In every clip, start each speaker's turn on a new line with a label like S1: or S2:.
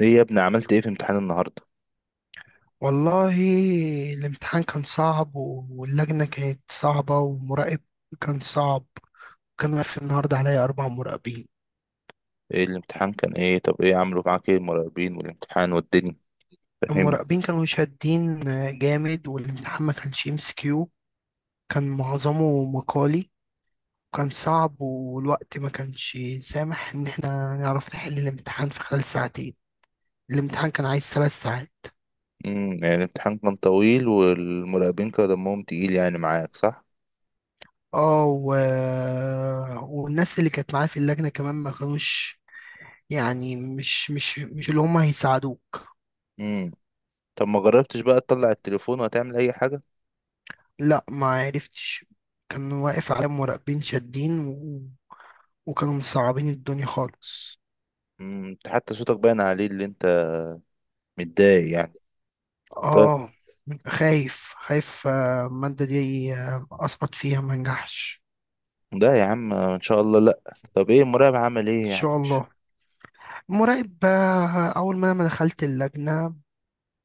S1: ايه يا ابني؟ عملت ايه في امتحان النهارده؟
S2: والله. الامتحان كان صعب واللجنة كانت صعبة والمراقب كان صعب. كان واقف النهاردة عليا 4 مراقبين.
S1: ايه الامتحان كان ايه؟ طب ايه عملوا معاك؟ ايه المراقبين والامتحان والدنيا؟ فهمني.
S2: المراقبين كانوا شادين جامد، والامتحان ما كانش MCQ، كان معظمه مقالي وكان صعب. والوقت ما كانش سامح إن احنا نعرف نحل الامتحان في خلال ساعتين. الامتحان كان عايز 3 ساعات.
S1: يعني الامتحان كان طويل والمراقبين كانوا دمهم تقيل، يعني معاك، صح؟
S2: اه و... والناس اللي كانت معايا في اللجنة كمان ما كانوش، يعني مش اللي هم هيساعدوك.
S1: امم طب ما جربتش بقى تطلع التليفون وتعمل اي حاجه؟
S2: لا، ما عرفتش. كان واقف على مراقبين شادين وكانوا مصعبين الدنيا خالص.
S1: انت حتى صوتك باين عليه اللي انت متضايق يعني. طب.
S2: اه خايف، المادة دي، أسقط فيها ما نجحش.
S1: لا يا عم، ان شاء الله لا. طب ايه المراقب
S2: إن
S1: عمل ايه يعني
S2: شاء
S1: مش-
S2: الله. مراقب، أول ما أنا دخلت اللجنة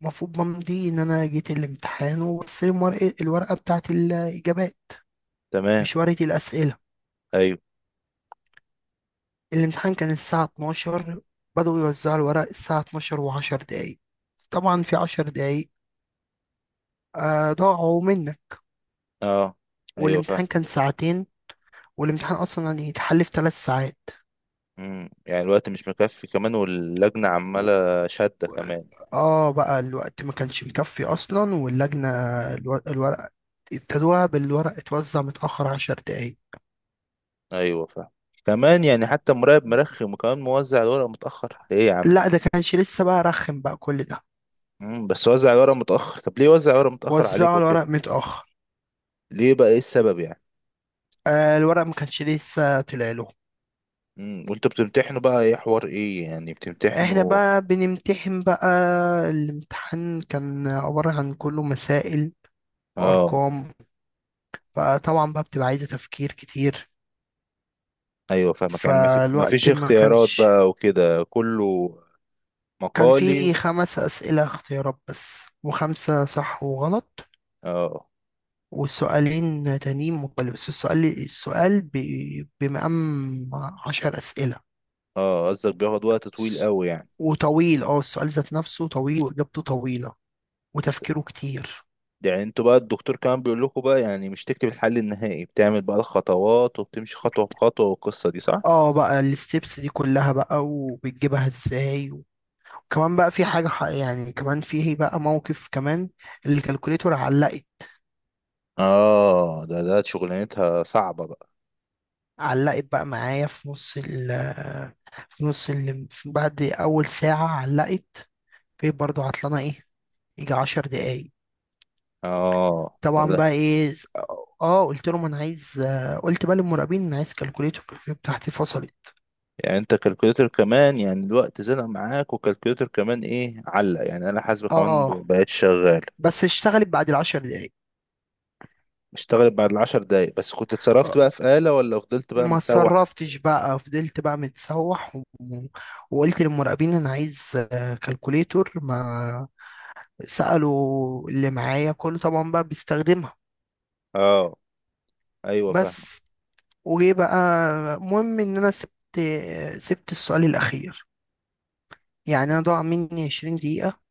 S2: المفروض بمضي إن أنا جيت الامتحان، وبصير الورقة بتاعت الإجابات،
S1: تمام.
S2: مش ورقة الأسئلة.
S1: ايوه.
S2: الامتحان كان الساعة 12. بدأوا يوزعوا الورق الساعة 12 وعشر دقايق. طبعا في 10 دقايق ضاعوا منك.
S1: اه. ايوه فاهم.
S2: والامتحان كان ساعتين، والامتحان أصلا يعني يتحل في 3 ساعات.
S1: يعني الوقت مش مكفي كمان، واللجنه
S2: و-
S1: عماله شاده كمان.
S2: اه بقى الوقت ما كانش مكفي أصلا، واللجنة الورق ابتدوها بالورق اتوزع متأخر 10 دقايق.
S1: ايوه فاهم. كمان يعني حتى مراقب مرخم، وكمان موزع الورق متأخر؟ ده ايه يا عم؟
S2: لا، ده كانش لسه بقى رخم بقى كل ده.
S1: بس وزع الورق متأخر. طب ليه وزع الورق متأخر
S2: وزعوا
S1: عليكم كده؟
S2: الورق متأخر.
S1: ليه بقى؟ ايه السبب يعني؟
S2: الورق ما كانش لسه طلع لهم.
S1: وانتوا بتمتحنوا بقى ايه حوار، ايه يعني
S2: احنا
S1: بتمتحنوا؟
S2: بقى بنمتحن بقى. الامتحان كان عبارة عن كله مسائل
S1: اه.
S2: وأرقام، فطبعا بقى بتبقى عايزة تفكير كتير.
S1: ايوه فاهمك. يعني مفيش
S2: فالوقت ما
S1: اختيارات
S2: كانش.
S1: بقى، وكده كله
S2: كان في
S1: مقالي.
S2: 5 أسئلة اختيارات بس، وخمسة صح وغلط،
S1: اه.
S2: والسؤالين تانيين مقبل. بس السؤال بمقام 10 أسئلة
S1: اه، قصدك بياخد وقت طويل قوي يعني؟
S2: وطويل. اه السؤال ذات نفسه طويل، وإجابته طويلة، وتفكيره كتير.
S1: يعني انتوا بقى الدكتور كمان بيقول لكم بقى، يعني مش تكتب الحل النهائي، بتعمل بقى الخطوات وبتمشي خطوة بخطوة، والقصة دي صح؟
S2: اه بقى الستبس دي كلها بقى، وبتجيبها ازاي. وكمان بقى في حاجة يعني كمان فيه بقى موقف كمان. الكالكوليتور علقت.
S1: اه، ده شغلانتها صعبة بقى.
S2: علقت بقى معايا في نص ال، بعد أول ساعة علقت. في برضه عطلانة ايه، يجي 10 دقايق.
S1: اه، ده
S2: طبعا
S1: ده
S2: بقى ايه قلت بقى للمراقبين انا عايز كالكوليتور بتاعتي فصلت.
S1: يعني انت كالكوليتر كمان، يعني الوقت زنق معاك، وكالكوليتر كمان ايه علق؟ يعني انا حاسبة كمان
S2: اه
S1: بقيت شغال.
S2: بس اشتغلت بعد الـ10 دقايق.
S1: اشتغلت بعد العشر دقايق؟ بس كنت اتصرفت بقى في آلة، ولا فضلت بقى
S2: ما
S1: متسوح؟
S2: اتصرفتش بقى، فضلت بقى متسوح وقلت للمراقبين انا عايز كالكوليتور، ما سألوا اللي معايا كله طبعا بقى بيستخدمها.
S1: اه. ايوه فاهم.
S2: بس وجه بقى مهم ان انا سبت السؤال الاخير. يعني انا ضاع مني 20 دقيقة.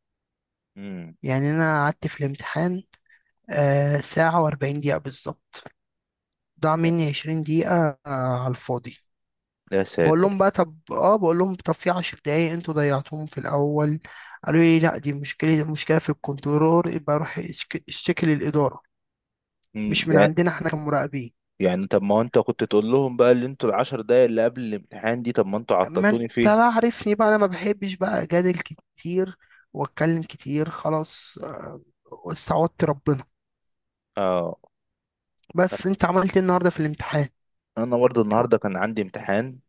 S1: امم.
S2: يعني انا قعدت في الامتحان ساعة و40 دقيقة بالظبط، ضاع مني 20 دقيقة على الفاضي.
S1: يا ساتر.
S2: بقول لهم طب في 10 دقايق انتوا ضيعتوهم في الاول. قالوا لي لا، دي مشكله في الكنترولور، يبقى روح اشتكي للاداره،
S1: امم
S2: مش من
S1: يعني
S2: عندنا احنا كمراقبين.
S1: يعني طب ما هو انت كنت تقول لهم بقى، اللي انتوا العشر دقايق اللي قبل الامتحان دي، طب ما انتوا
S2: ما انت
S1: عطلتوني فيها.
S2: بقى عارفني بقى انا ما بحبش بقى اجادل كتير واتكلم كتير. خلاص، استعوضت ربنا.
S1: اه.
S2: بس انت عملت ايه النهارده في الامتحان
S1: انا برضه
S2: و-
S1: النهارده كان عندي امتحان.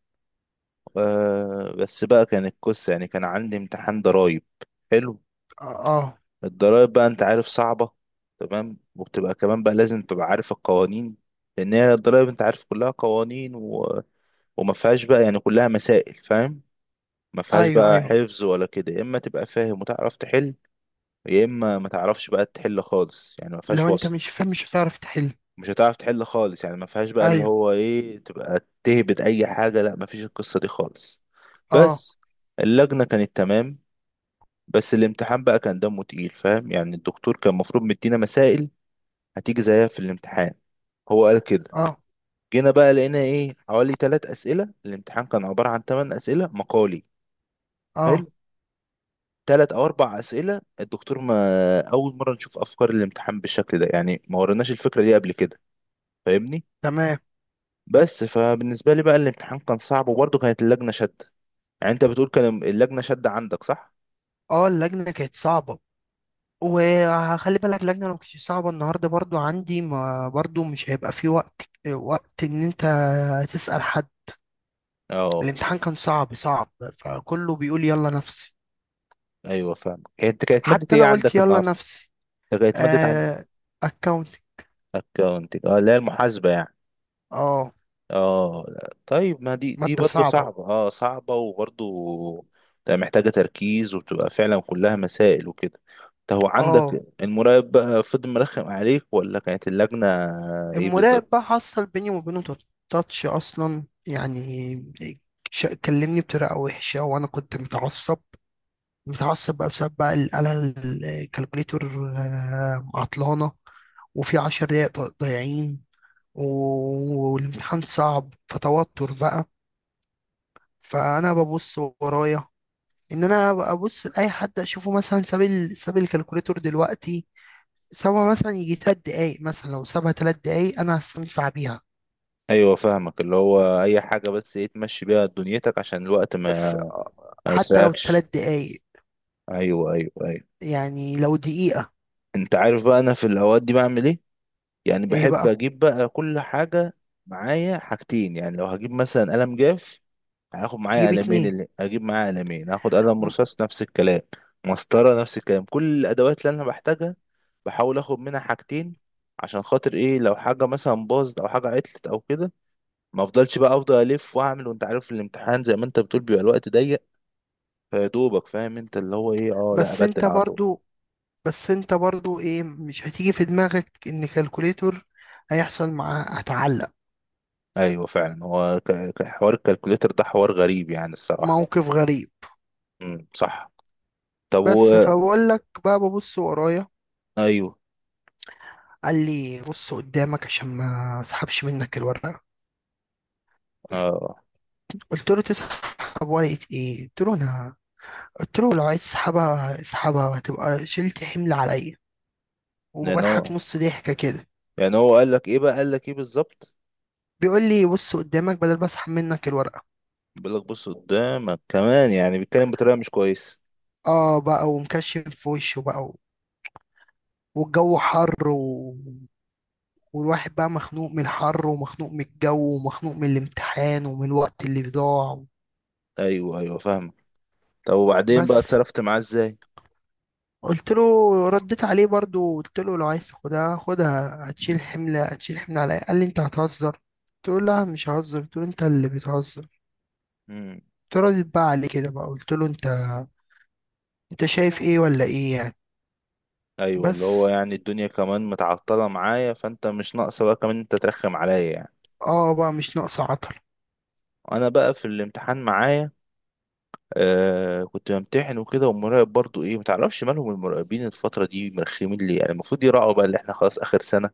S1: بس بقى كان القصة، يعني كان عندي امتحان ضرايب. حلو.
S2: اه. آه.
S1: الضرايب بقى، انت عارف، صعبة. تمام. وبتبقى كمان بقى لازم تبقى عارف القوانين. لأن هي الضرايب، انت عارف، كلها قوانين وما فيهاش بقى يعني، كلها مسائل، فاهم؟ ما فيهاش
S2: ايوه،
S1: بقى
S2: ايوه.
S1: حفظ ولا كده، يا اما تبقى فاهم وتعرف تحل، يا اما ما تعرفش بقى تحل خالص. يعني ما
S2: لو
S1: فيهاش
S2: انت
S1: وسط.
S2: مش فاهم مش هتعرف تحل.
S1: مش هتعرف تحل خالص. يعني ما فيهاش بقى اللي
S2: ايوه.
S1: هو ايه، تبقى تهبد اي حاجة. لا، ما فيش القصة دي خالص.
S2: اه.
S1: بس. اللجنة كانت تمام. بس الامتحان بقى كان دمه تقيل، فاهم؟ يعني الدكتور كان المفروض مدينا مسائل هتيجي زيها في الامتحان. هو قال كده.
S2: اه.
S1: جينا بقى لقينا ايه، حوالي ثلاث اسئله. الامتحان كان عباره عن ثمان اسئله مقالي.
S2: اه.
S1: حلو. ثلاث او اربع اسئله الدكتور ما اول مره نشوف افكار الامتحان بالشكل ده، يعني ما وريناش الفكره دي قبل كده. فاهمني؟
S2: تمام.
S1: بس فبالنسبه لي بقى الامتحان كان صعب، وبرضه كانت اللجنه شاده. يعني انت بتقول كان اللجنه شاده عندك، صح؟
S2: اه. اللجنه كانت صعبه. وخلي بالك اللجنة لو كانت صعبة النهاردة برضو عندي، ما برضو مش هيبقى في وقت إن أنت تسأل حد.
S1: اه.
S2: الامتحان كان صعب صعب، فكله بيقول يلا نفسي.
S1: ايوه فاهم. هي انت كانت ماده
S2: حتى
S1: ايه
S2: أنا قلت
S1: عندك
S2: يلا
S1: النهارده؟
S2: نفسي.
S1: انت كانت ماده عندك؟
S2: آه أكاونتنج.
S1: اكونتنج، اه، اللي هي المحاسبة يعني.
S2: اه.
S1: اه، لا. طيب ما دي
S2: مادة
S1: برضه
S2: صعبة.
S1: صعبة، اه، صعبة وبرضه. لا، محتاجة تركيز، وبتبقى فعلا كلها مسائل وكده. انت هو
S2: اه.
S1: عندك المراقب بقى فضل مرخم عليك، ولا كانت اللجنة؟ ايه
S2: المراقب
S1: بالظبط؟
S2: بقى حصل بيني وبينه تاتش أصلا يعني. كلمني بطريقة وحشة، وأنا كنت متعصب بقى بسبب بقى الكالكوليتور، عطلانة، وفي 10 دقايق ضايعين، والامتحان صعب فتوتر بقى. فأنا ببص ورايا، إن أنا ببص لأي حد أشوفه مثلا ساب الكالكوليتور دلوقتي، سابها مثلا يجي 3 دقايق، مثلا لو سابها 3 دقايق أنا هستنفع بيها.
S1: ايوه فاهمك. اللي هو اي حاجة بس ايه تمشي بيها دنيتك، عشان الوقت
S2: ف-
S1: ما ما
S2: حتى لو
S1: يسرقكش.
S2: 3 دقايق،
S1: ايوه، ايوه، ايوه.
S2: يعني لو دقيقة.
S1: انت عارف بقى انا في الاوقات دي بعمل ايه؟ يعني
S2: إيه
S1: بحب
S2: بقى،
S1: اجيب بقى كل حاجة معايا حاجتين. يعني لو هجيب مثلا قلم جاف، هاخد معايا
S2: تجيب
S1: قلمين.
S2: 2.
S1: اللي اجيب معايا قلمين، هاخد قلم
S2: م-
S1: رصاص نفس الكلام. مسطرة نفس الكلام. كل الادوات اللي انا بحتاجها، بحاول اخد منها حاجتين. عشان خاطر ايه؟ لو حاجة مثلا باظت او حاجة عطلت او كده، ما افضلش بقى افضل الف واعمل. وانت عارف الامتحان زي ما انت بتقول بيبقى الوقت ضيق، فيا دوبك فاهم انت اللي هو ايه، اه لا،
S2: بس انت
S1: ابدل على طول.
S2: برضو بس انت برضو ايه، مش هتيجي في دماغك ان كالكوليتور هيحصل معاه هتعلق؟
S1: ايوه فعلا، هو حوار الكالكوليتر ده حوار غريب يعني الصراحة.
S2: موقف غريب.
S1: امم، صح. طب
S2: بس
S1: و
S2: فبقول لك بقى ببص ورايا.
S1: ايوه.
S2: قال لي بص قدامك عشان ما اسحبش منك الورقه.
S1: اه.
S2: قلت له تسحب ورقه ايه؟ قلت له لو عايز تسحبها اسحبها، هتبقى شلت حمل عليا.
S1: يعني
S2: وبضحك
S1: هو
S2: نص ضحكه كده.
S1: يعني هو قال لك ايه بقى، قال لك ايه بالظبط؟
S2: بيقول لي بص قدامك بدل ما اسحب منك الورقه.
S1: بيقول لك بص قدامك، كمان يعني بيتكلم بطريقة مش كويس.
S2: اه بقى ومكشف في وشه بقى، والجو حر والواحد بقى مخنوق من الحر، ومخنوق من الجو، ومخنوق من الامتحان، ومن الوقت اللي ضاع.
S1: ايوه، ايوه فاهمك. طب وبعدين بقى
S2: بس
S1: اتصرفت معاه ازاي؟
S2: قلت له، رديت عليه برضو، قلت له لو عايز تاخدها خدها، هتشيل حملة عليا. قال لي انت هتهزر، قلت له لا مش ههزر، قلت له انت اللي بتهزر.
S1: امم.
S2: قلت له رديت بقى عليه كده بقى، قلت له انت شايف ايه ولا ايه يعني.
S1: ايوه، اللي هو
S2: بس
S1: يعني الدنيا كمان متعطلة معايا، فانت مش ناقصة بقى كمان انت ترخم عليا يعني.
S2: اه بقى مش ناقصة عطل.
S1: انا بقى في الامتحان معايا كنت بمتحن وكده، والمراقب برضو ايه، متعرفش مالهم المراقبين الفترة دي مرخمين ليه. يعني المفروض يراعوا بقى اللي احنا خلاص اخر سنة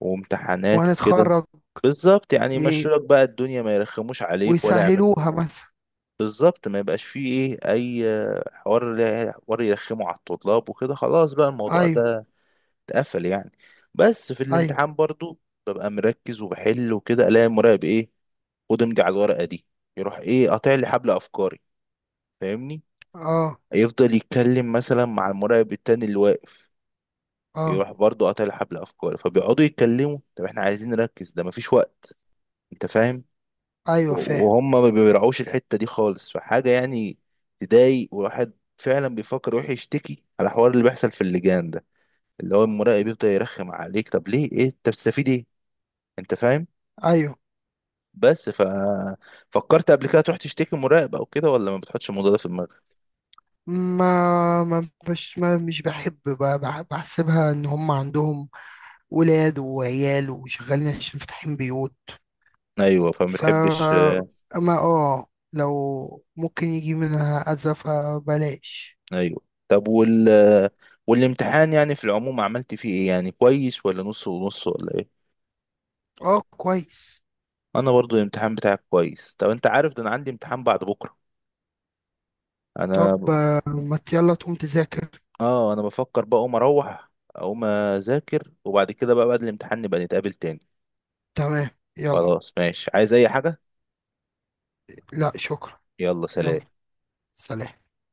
S1: وامتحانات وكده.
S2: وهنتخرج.
S1: بالظبط، يعني يمشوا
S2: ايه،
S1: لك بقى الدنيا، ما يرخموش عليك ولا يعملوا.
S2: ويسهلوها مثلا.
S1: بالظبط، ما يبقاش فيه ايه اي حوار حوار يرخمه على الطلاب وكده، خلاص بقى الموضوع
S2: ايوه،
S1: ده اتقفل يعني. بس في
S2: ايوه،
S1: الامتحان برضو ببقى مركز وبحل وكده، الاقي المراقب ايه، خد امضي على الورقه دي، يروح ايه قاطع لي حبل افكاري، فاهمني؟
S2: اه،
S1: يفضل يتكلم مثلا مع المراقب التاني اللي واقف،
S2: اه،
S1: يروح برضو قاطع لي حبل افكاري، فبيقعدوا يتكلموا. طب احنا عايزين نركز، ده مفيش وقت، انت فاهم؟
S2: ايوه فاهم.
S1: وهم ما بيراعوش الحتة دي خالص، فحاجة يعني تضايق. والواحد فعلا بيفكر يروح يشتكي على الحوار اللي بيحصل في اللجان ده، اللي هو المراقب يفضل يرخم عليك، طب ليه؟ ايه انت بتستفيد ايه؟ انت فاهم؟
S2: ايوه،
S1: بس فكرت قبل كده تروح تشتكي مراقب او كده، ولا ما بتحطش الموضوع ده في دماغك؟
S2: ما ما بش ما مش بحب بحسبها ان هم عندهم ولاد وعيال وشغالين عشان فاتحين بيوت.
S1: ايوه، فما
S2: ف
S1: بتحبش.
S2: اما اه لو ممكن يجي منها اذى فبلاش.
S1: ايوه. طب والامتحان يعني في العموم عملت فيه ايه، يعني كويس ولا نص ونص ولا ايه؟
S2: اه، كويس.
S1: انا برضو الامتحان بتاعك كويس. طب انت عارف ده انا عندي امتحان بعد بكره.
S2: طب،
S1: انا،
S2: ما ت- يلا تقوم تذاكر.
S1: اه، انا بفكر بقى اقوم اروح اقوم اذاكر، وبعد كده بقى بعد الامتحان نبقى نتقابل تاني.
S2: تمام. يلا.
S1: خلاص ماشي، عايز اي حاجة؟
S2: لا، شكرا.
S1: يلا،
S2: يلا،
S1: سلام.
S2: سلام.